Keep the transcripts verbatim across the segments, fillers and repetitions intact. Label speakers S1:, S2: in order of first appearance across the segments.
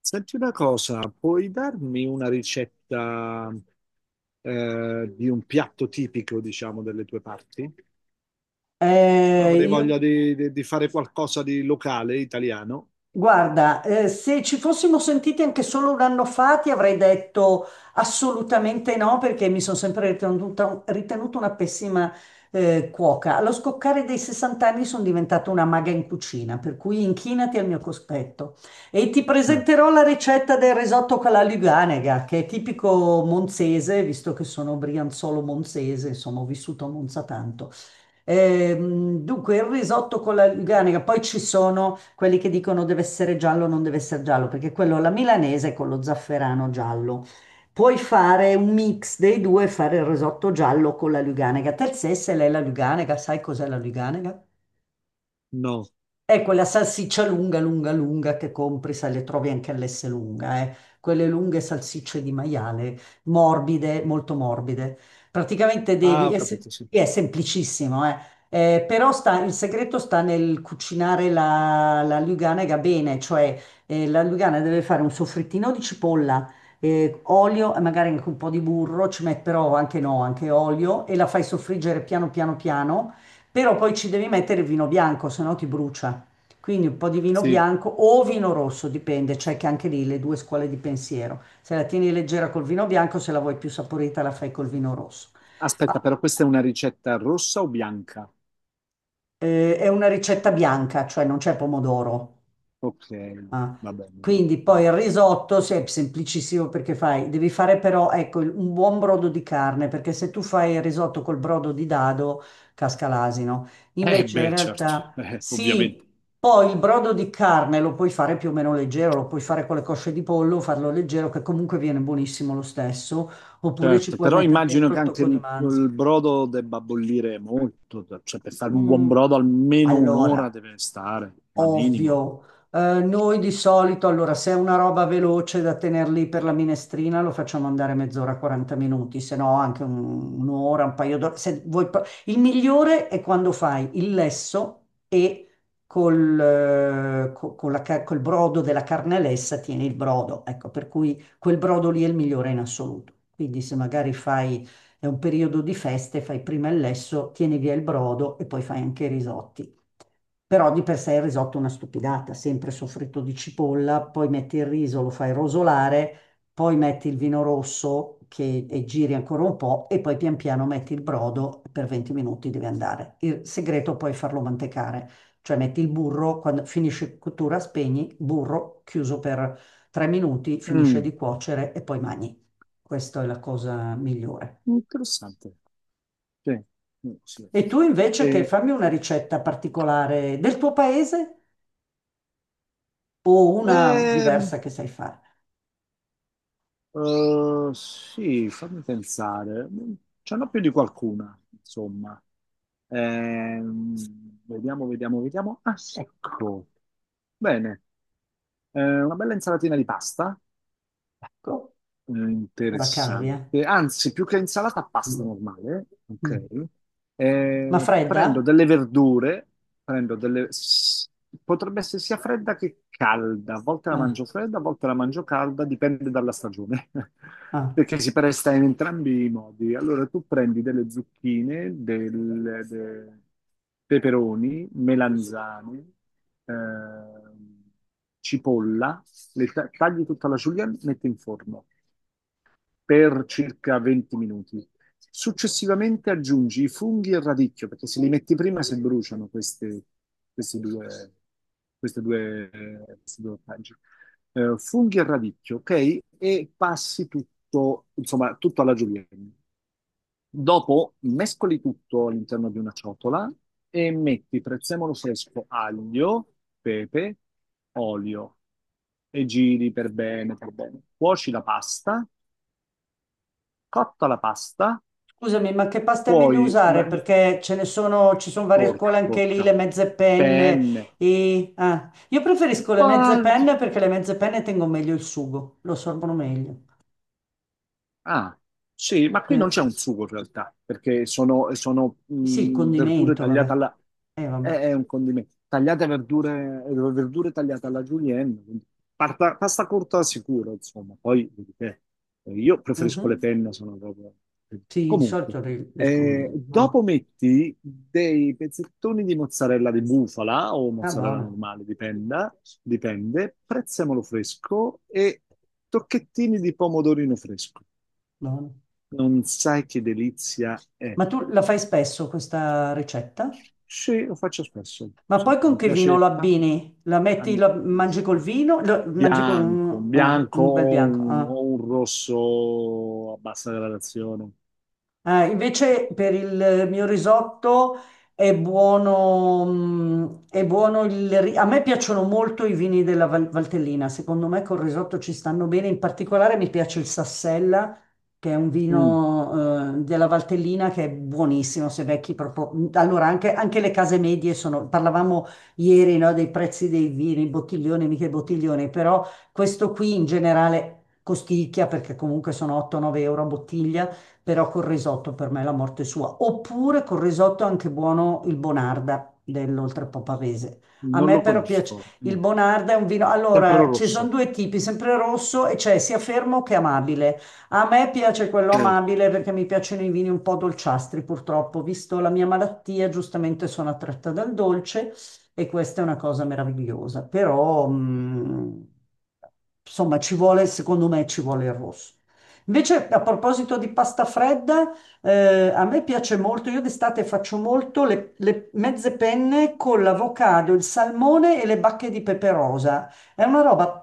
S1: Senti una cosa, puoi darmi una ricetta eh, di un piatto tipico, diciamo, delle tue parti?
S2: Eh,
S1: Avrei
S2: io-
S1: voglia di, di- di fare qualcosa di locale, italiano.
S2: guarda, eh, se ci fossimo sentiti anche solo un anno fa, ti avrei detto assolutamente no, perché mi sono sempre ritenuta, ritenuta una pessima, eh, cuoca. Allo scoccare dei sessanta anni sono diventata una maga in cucina, per cui inchinati al mio cospetto. E ti
S1: Eh,
S2: presenterò la ricetta del risotto con la Luganega, che è tipico monzese, visto che sono brianzolo monzese, insomma, ho vissuto a Monza tanto. Ehm, dunque, il risotto con la Luganica, poi ci sono quelli che dicono deve essere giallo, non deve essere giallo, perché quello alla milanese è con lo zafferano giallo. Puoi fare un mix dei due, fare il risotto giallo con la Luganica. Te se lei la Luganica, sai cos'è la Luganica?
S1: No.
S2: È quella salsiccia lunga, lunga, lunga che compri, se le trovi anche all'S lunga, eh. Quelle lunghe salsicce di maiale, morbide, molto morbide. Praticamente
S1: Ah,
S2: devi,
S1: ho
S2: è, se-
S1: capito, sì.
S2: è semplicissimo, eh. Eh, però sta, il segreto sta nel cucinare la, la luganega bene, cioè eh, la lugana deve fare un soffrittino di cipolla, eh, olio e magari anche un po' di burro, ci metti però anche no, anche olio e la fai soffriggere piano piano piano, però poi ci devi mettere il vino bianco, se no ti brucia. Quindi un po' di vino
S1: Sì.
S2: bianco o vino rosso, dipende, c'è che anche lì le due scuole di pensiero. Se la tieni leggera col vino bianco, se la vuoi più saporita la fai col vino rosso.
S1: Aspetta,
S2: Ah,
S1: però questa è una ricetta rossa o bianca?
S2: eh, è una ricetta bianca, cioè non c'è pomodoro.
S1: Ok,
S2: Ah,
S1: va bene.
S2: quindi poi
S1: Vai.
S2: il risotto sì, è semplicissimo perché fai, devi fare però ecco, il- un buon brodo di carne, perché se tu fai il risotto col brodo di dado casca l'asino.
S1: Eh
S2: Invece in
S1: beh, certo,
S2: realtà
S1: eh,
S2: sì,
S1: ovviamente.
S2: poi il brodo di carne lo puoi fare più o meno leggero, lo puoi fare con le cosce di pollo, farlo leggero che comunque viene buonissimo lo stesso, oppure ci
S1: Certo,
S2: puoi
S1: però
S2: mettere
S1: immagino
S2: dentro
S1: che
S2: il
S1: anche
S2: tocco
S1: il,
S2: di
S1: il
S2: manzo.
S1: brodo debba bollire molto, cioè cioè, per fare un buon
S2: Mm,
S1: brodo almeno un'ora
S2: Allora,
S1: deve stare, ma minimo.
S2: ovvio. Eh, noi di solito, allora, se è una roba veloce da tenere lì per la minestrina, lo facciamo andare mezz'ora, quaranta minuti, se no anche un- un'ora, un paio d'ore. Se vuoi pro- Il migliore è quando fai il lesso e col, eh, co- con la ca- col brodo della carne lessa tieni il brodo. Ecco, per cui quel brodo lì è il migliore in assoluto. Quindi se magari fai, è un periodo di feste, fai prima il lesso, tieni via il brodo e poi fai anche i risotti. Però di per sé il risotto è una stupidata, sempre soffritto di cipolla, poi metti il riso, lo fai rosolare, poi metti il vino rosso che, e giri ancora un po' e poi pian piano metti il brodo, per venti minuti deve andare. Il segreto è poi è farlo mantecare, cioè metti il burro, quando finisce cottura spegni, burro chiuso per tre minuti, finisce
S1: Mm,
S2: di cuocere e poi mangi. Questa è la cosa migliore.
S1: interessante. Sì, mm, sì.
S2: E tu invece che
S1: E,
S2: fammi una ricetta particolare del tuo paese? O una
S1: ehm,
S2: diversa che sai fare.
S1: eh, sì, fammi pensare. Mm, ce n'ho più di qualcuna, insomma. Ehm, vediamo, vediamo, vediamo. Ah, sì, ecco, bene. Eh, una bella insalatina di pasta.
S2: Ecco,
S1: Eh,
S2: la cavi, eh.
S1: Interessante. Anzi, più che insalata, pasta
S2: Mm,
S1: normale. Ok.
S2: mm. Ma
S1: Eh,
S2: fredda?
S1: prendo delle verdure, prendo delle... s- potrebbe essere sia fredda che calda. A volte la mangio
S2: Ah,
S1: fredda, a volte la mangio calda, dipende dalla stagione.
S2: ah.
S1: Perché si presta in entrambi i modi. Allora, tu prendi delle zucchine, del- de- peperoni, melanzane, ehm, cipolla, le ta- tagli tutta la julienne, metti in forno per circa venti minuti. Successivamente aggiungi i funghi e il radicchio, perché se li metti prima si bruciano queste, queste due, queste due, queste due ortaggi. Eh, funghi e radicchio, ok? E passi tutto, insomma, tutto alla julienne. Dopo mescoli tutto all'interno di una ciotola e metti prezzemolo fresco, aglio, pepe, olio e giri per bene, per bene. Cuoci la pasta. Cotta la pasta,
S2: Scusami, ma che pasta è meglio
S1: poi ma-
S2: usare? Perché ce ne sono, ci sono varie
S1: porta,
S2: scuole anche lì,
S1: porta,
S2: le mezze penne.
S1: penne.
S2: E, ah. Io preferisco le mezze
S1: ma-
S2: penne perché le mezze penne tengono meglio il sugo, lo assorbono meglio.
S1: Ah, sì, ma qui non
S2: Eh,
S1: c'è un sugo in realtà, perché sono, sono,
S2: sì, il
S1: mh, verdure
S2: condimento,
S1: tagliate
S2: vabbè.
S1: alla...
S2: Eh,
S1: È,
S2: vabbè.
S1: è un condimento. Tagliate verdure, verdure tagliate alla julienne, quindi parta- pasta corta sicuro, insomma. Poi, vedi te, eh, io preferisco le
S2: Mhm.
S1: penne, sono proprio... eh,
S2: Sì, di
S1: comunque,
S2: solito ri- riescono
S1: eh,
S2: meglio. Ah,
S1: dopo metti dei pezzettoni di mozzarella di bufala o
S2: ah,
S1: mozzarella
S2: buona,
S1: normale, dipenda, dipende, prezzemolo fresco e tocchettini di pomodorino fresco.
S2: buona.
S1: Non sai che delizia è.
S2: Ma tu la fai spesso questa ricetta?
S1: Sì, lo faccio spesso.
S2: Ma
S1: Sì,
S2: poi con
S1: mi
S2: che vino lo
S1: piace tan-
S2: abbini? La metti, lo mangi col
S1: tantissimo.
S2: vino? Lo, mangi
S1: Bianco,
S2: con...
S1: un
S2: ah,
S1: bianco
S2: un bel
S1: o
S2: bianco.
S1: un,
S2: Eh.
S1: o un rosso a bassa gradazione.
S2: Eh, invece per il mio risotto è buono, mm, è buono il... ri- A me piacciono molto i vini della Val- Valtellina, secondo me col risotto ci stanno bene, in particolare mi piace il Sassella, che è un
S1: Mm,
S2: vino eh, della Valtellina che è buonissimo, se vecchi proprio... Mm, allora, anche, anche le case medie sono... Parlavamo ieri, no, dei prezzi dei vini, bottiglione, mica bottiglione, però questo qui in generale costicchia perché comunque sono otto-nove euro a bottiglia però col risotto per me è la morte sua. Oppure col risotto è anche buono il Bonarda dell'Oltrepo Pavese. A
S1: non
S2: me
S1: lo
S2: però piace
S1: conosco.
S2: il
S1: Mm.
S2: Bonarda è un vino.
S1: Sempre il
S2: Allora, ci sono
S1: rosso.
S2: due tipi, sempre rosso e c'è sia fermo che amabile. A me piace quello
S1: Sì.
S2: amabile perché mi piacciono i vini un po' dolciastri, purtroppo, visto la mia malattia, giustamente sono attratta dal dolce e questa è una cosa meravigliosa. Però, mh, insomma, ci vuole, secondo me, ci vuole il rosso. Invece, a proposito di pasta fredda, eh, a me piace molto, io d'estate faccio molto le, le mezze penne con l'avocado, il salmone e le bacche di pepe rosa. È una roba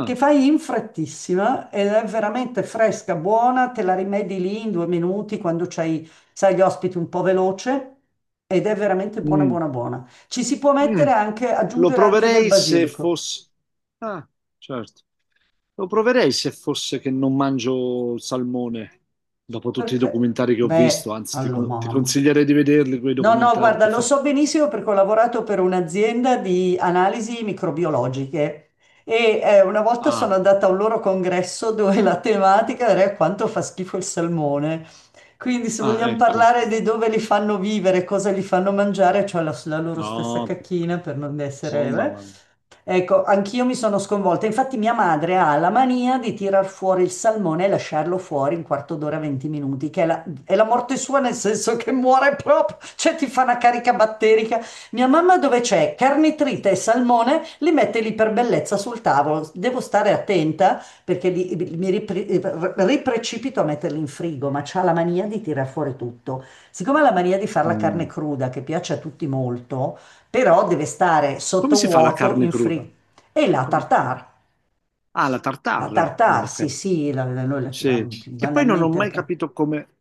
S2: che fai in frettissima ed è veramente fresca, buona, te la rimedi lì in due minuti quando c'hai, sai, gli ospiti un po' veloce ed è veramente buona,
S1: mm,
S2: buona, buona. Ci si può
S1: mm,
S2: mettere anche,
S1: lo
S2: aggiungere anche del
S1: proverei se
S2: basilico,
S1: fosse... Ah, certo. Lo proverei se fosse che non mangio salmone, dopo tutti i
S2: perché,
S1: documentari che ho
S2: beh,
S1: visto, anzi ti,
S2: allora
S1: co- ti
S2: mamma.
S1: consiglierei di vederli quei
S2: No, no,
S1: documentari.
S2: guarda,
S1: ti
S2: lo
S1: fa-
S2: so benissimo perché ho lavorato per un'azienda di analisi microbiologiche e eh, una volta
S1: Ah,
S2: sono andata a un loro congresso dove la tematica era quanto fa schifo il salmone. Quindi se
S1: ah,
S2: vogliamo
S1: ecco.
S2: parlare di dove li fanno vivere, cosa li fanno mangiare, cioè la, la loro stessa
S1: No, per-
S2: cacchina per non
S1: oh,
S2: essere...
S1: mamma mia.
S2: eh. Ecco, anch'io mi sono sconvolta. Infatti mia madre ha la mania di tirar fuori il salmone e lasciarlo fuori un quarto d'ora, venti minuti, che è la, è la morte sua nel senso che muore proprio, cioè ti fa una carica batterica. Mia mamma dove c'è carnitrite e salmone li mette lì per bellezza sul tavolo. Devo stare attenta perché li- mi ripre- riprecipito a metterli in frigo, ma c'ha la mania di tirar fuori tutto. Siccome ha la mania di fare la carne
S1: Mm.
S2: cruda, che piace a tutti molto, però deve stare
S1: Come si fa la
S2: sottovuoto
S1: carne
S2: in
S1: cruda?
S2: free. E la
S1: Com-
S2: tartare,
S1: Ah, la
S2: la
S1: tartare. Ah,
S2: tartare, sì
S1: ok.
S2: sì, la- la- noi la
S1: Sì.
S2: chiamiamo più
S1: Che poi non ho
S2: banalmente la,
S1: mai
S2: ca-
S1: capito come,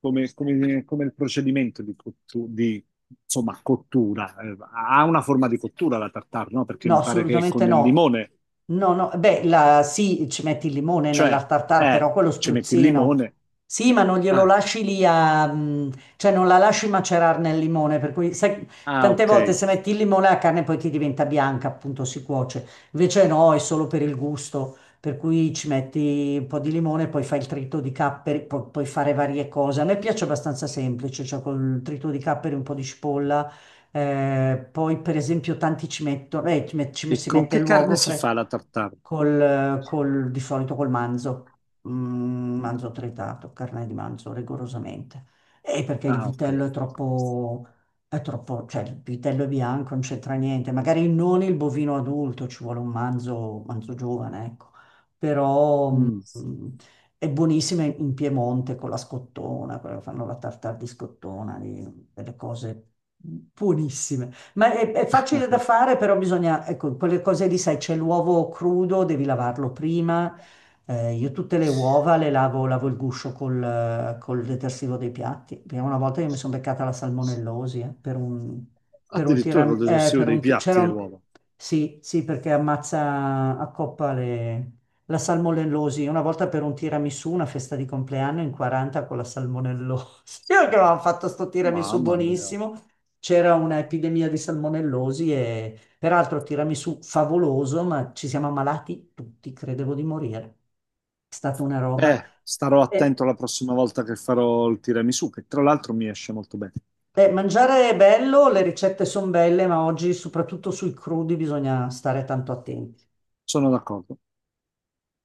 S1: come, come- come il procedimento di cottu- di, insomma, cottura. Eh, ha una forma di cottura la tartare, no? Perché
S2: No,
S1: mi pare che è
S2: assolutamente
S1: con il
S2: no.
S1: limone.
S2: No, no, beh, la- sì, ci metti il limone nella
S1: Cioè,
S2: tartare,
S1: eh,
S2: però quello
S1: ci metti il
S2: spruzzino.
S1: limone.
S2: Sì, ma non glielo
S1: Ah,
S2: lasci lì a... mm, cioè non la lasci macerare nel limone, per cui sai,
S1: ah,
S2: tante
S1: ok.
S2: volte se metti il limone la carne poi ti diventa bianca, appunto si cuoce. Invece no, è solo per il gusto, per cui ci metti un po' di limone, poi fai il trito di capperi, pu- puoi fare varie cose. A me piace abbastanza semplice, cioè col trito di capperi, un po' di cipolla eh, poi, per esempio, tanti ci mettono, eh, ci met- ci met-
S1: E
S2: si
S1: con
S2: mette
S1: che carne si
S2: l'uogofre
S1: fa la tartare?
S2: col, col- di solito col manzo, mm, manzo tritato, carne di manzo, rigorosamente. E perché il
S1: Ah, ok.
S2: vitello è troppo, è troppo, cioè il vitello è bianco, non c'entra niente. Magari non il bovino adulto, ci vuole un manzo, manzo giovane, ecco. Però, mm,
S1: Mm.
S2: è buonissima in in Piemonte con la scottona, quello che fanno la tartar di scottona, lì, delle cose buonissime. Ma è, è facile da fare, però bisogna, ecco, quelle cose lì, sai, c'è l'uovo crudo, devi lavarlo prima. Eh, io tutte le uova le lavo, lavo il guscio col, eh, col detersivo dei piatti. Prima una volta io mi sono beccata la salmonellosi, eh, per un, per un
S1: Addirittura con
S2: tiram- eh,
S1: l'esaustivo
S2: per
S1: dei
S2: un ti-
S1: piatti
S2: c'era
S1: le
S2: un...
S1: uova.
S2: Sì, sì, perché ammazza a coppa le... la salmonellosi. Una volta per un tiramisù, una festa di compleanno in quaranta con la salmonellosi. Io che avevamo fatto sto tiramisù
S1: Mamma mia.
S2: buonissimo, c'era un'epidemia di salmonellosi e peraltro tiramisù favoloso, ma ci siamo ammalati tutti, credevo di morire. È stata una roba.
S1: Eh, starò
S2: E-
S1: attento la prossima volta che farò il tiramisù, che tra l'altro mi esce molto bene.
S2: e mangiare è bello, le ricette sono belle, ma oggi soprattutto sui crudi bisogna stare tanto attenti.
S1: Sono d'accordo.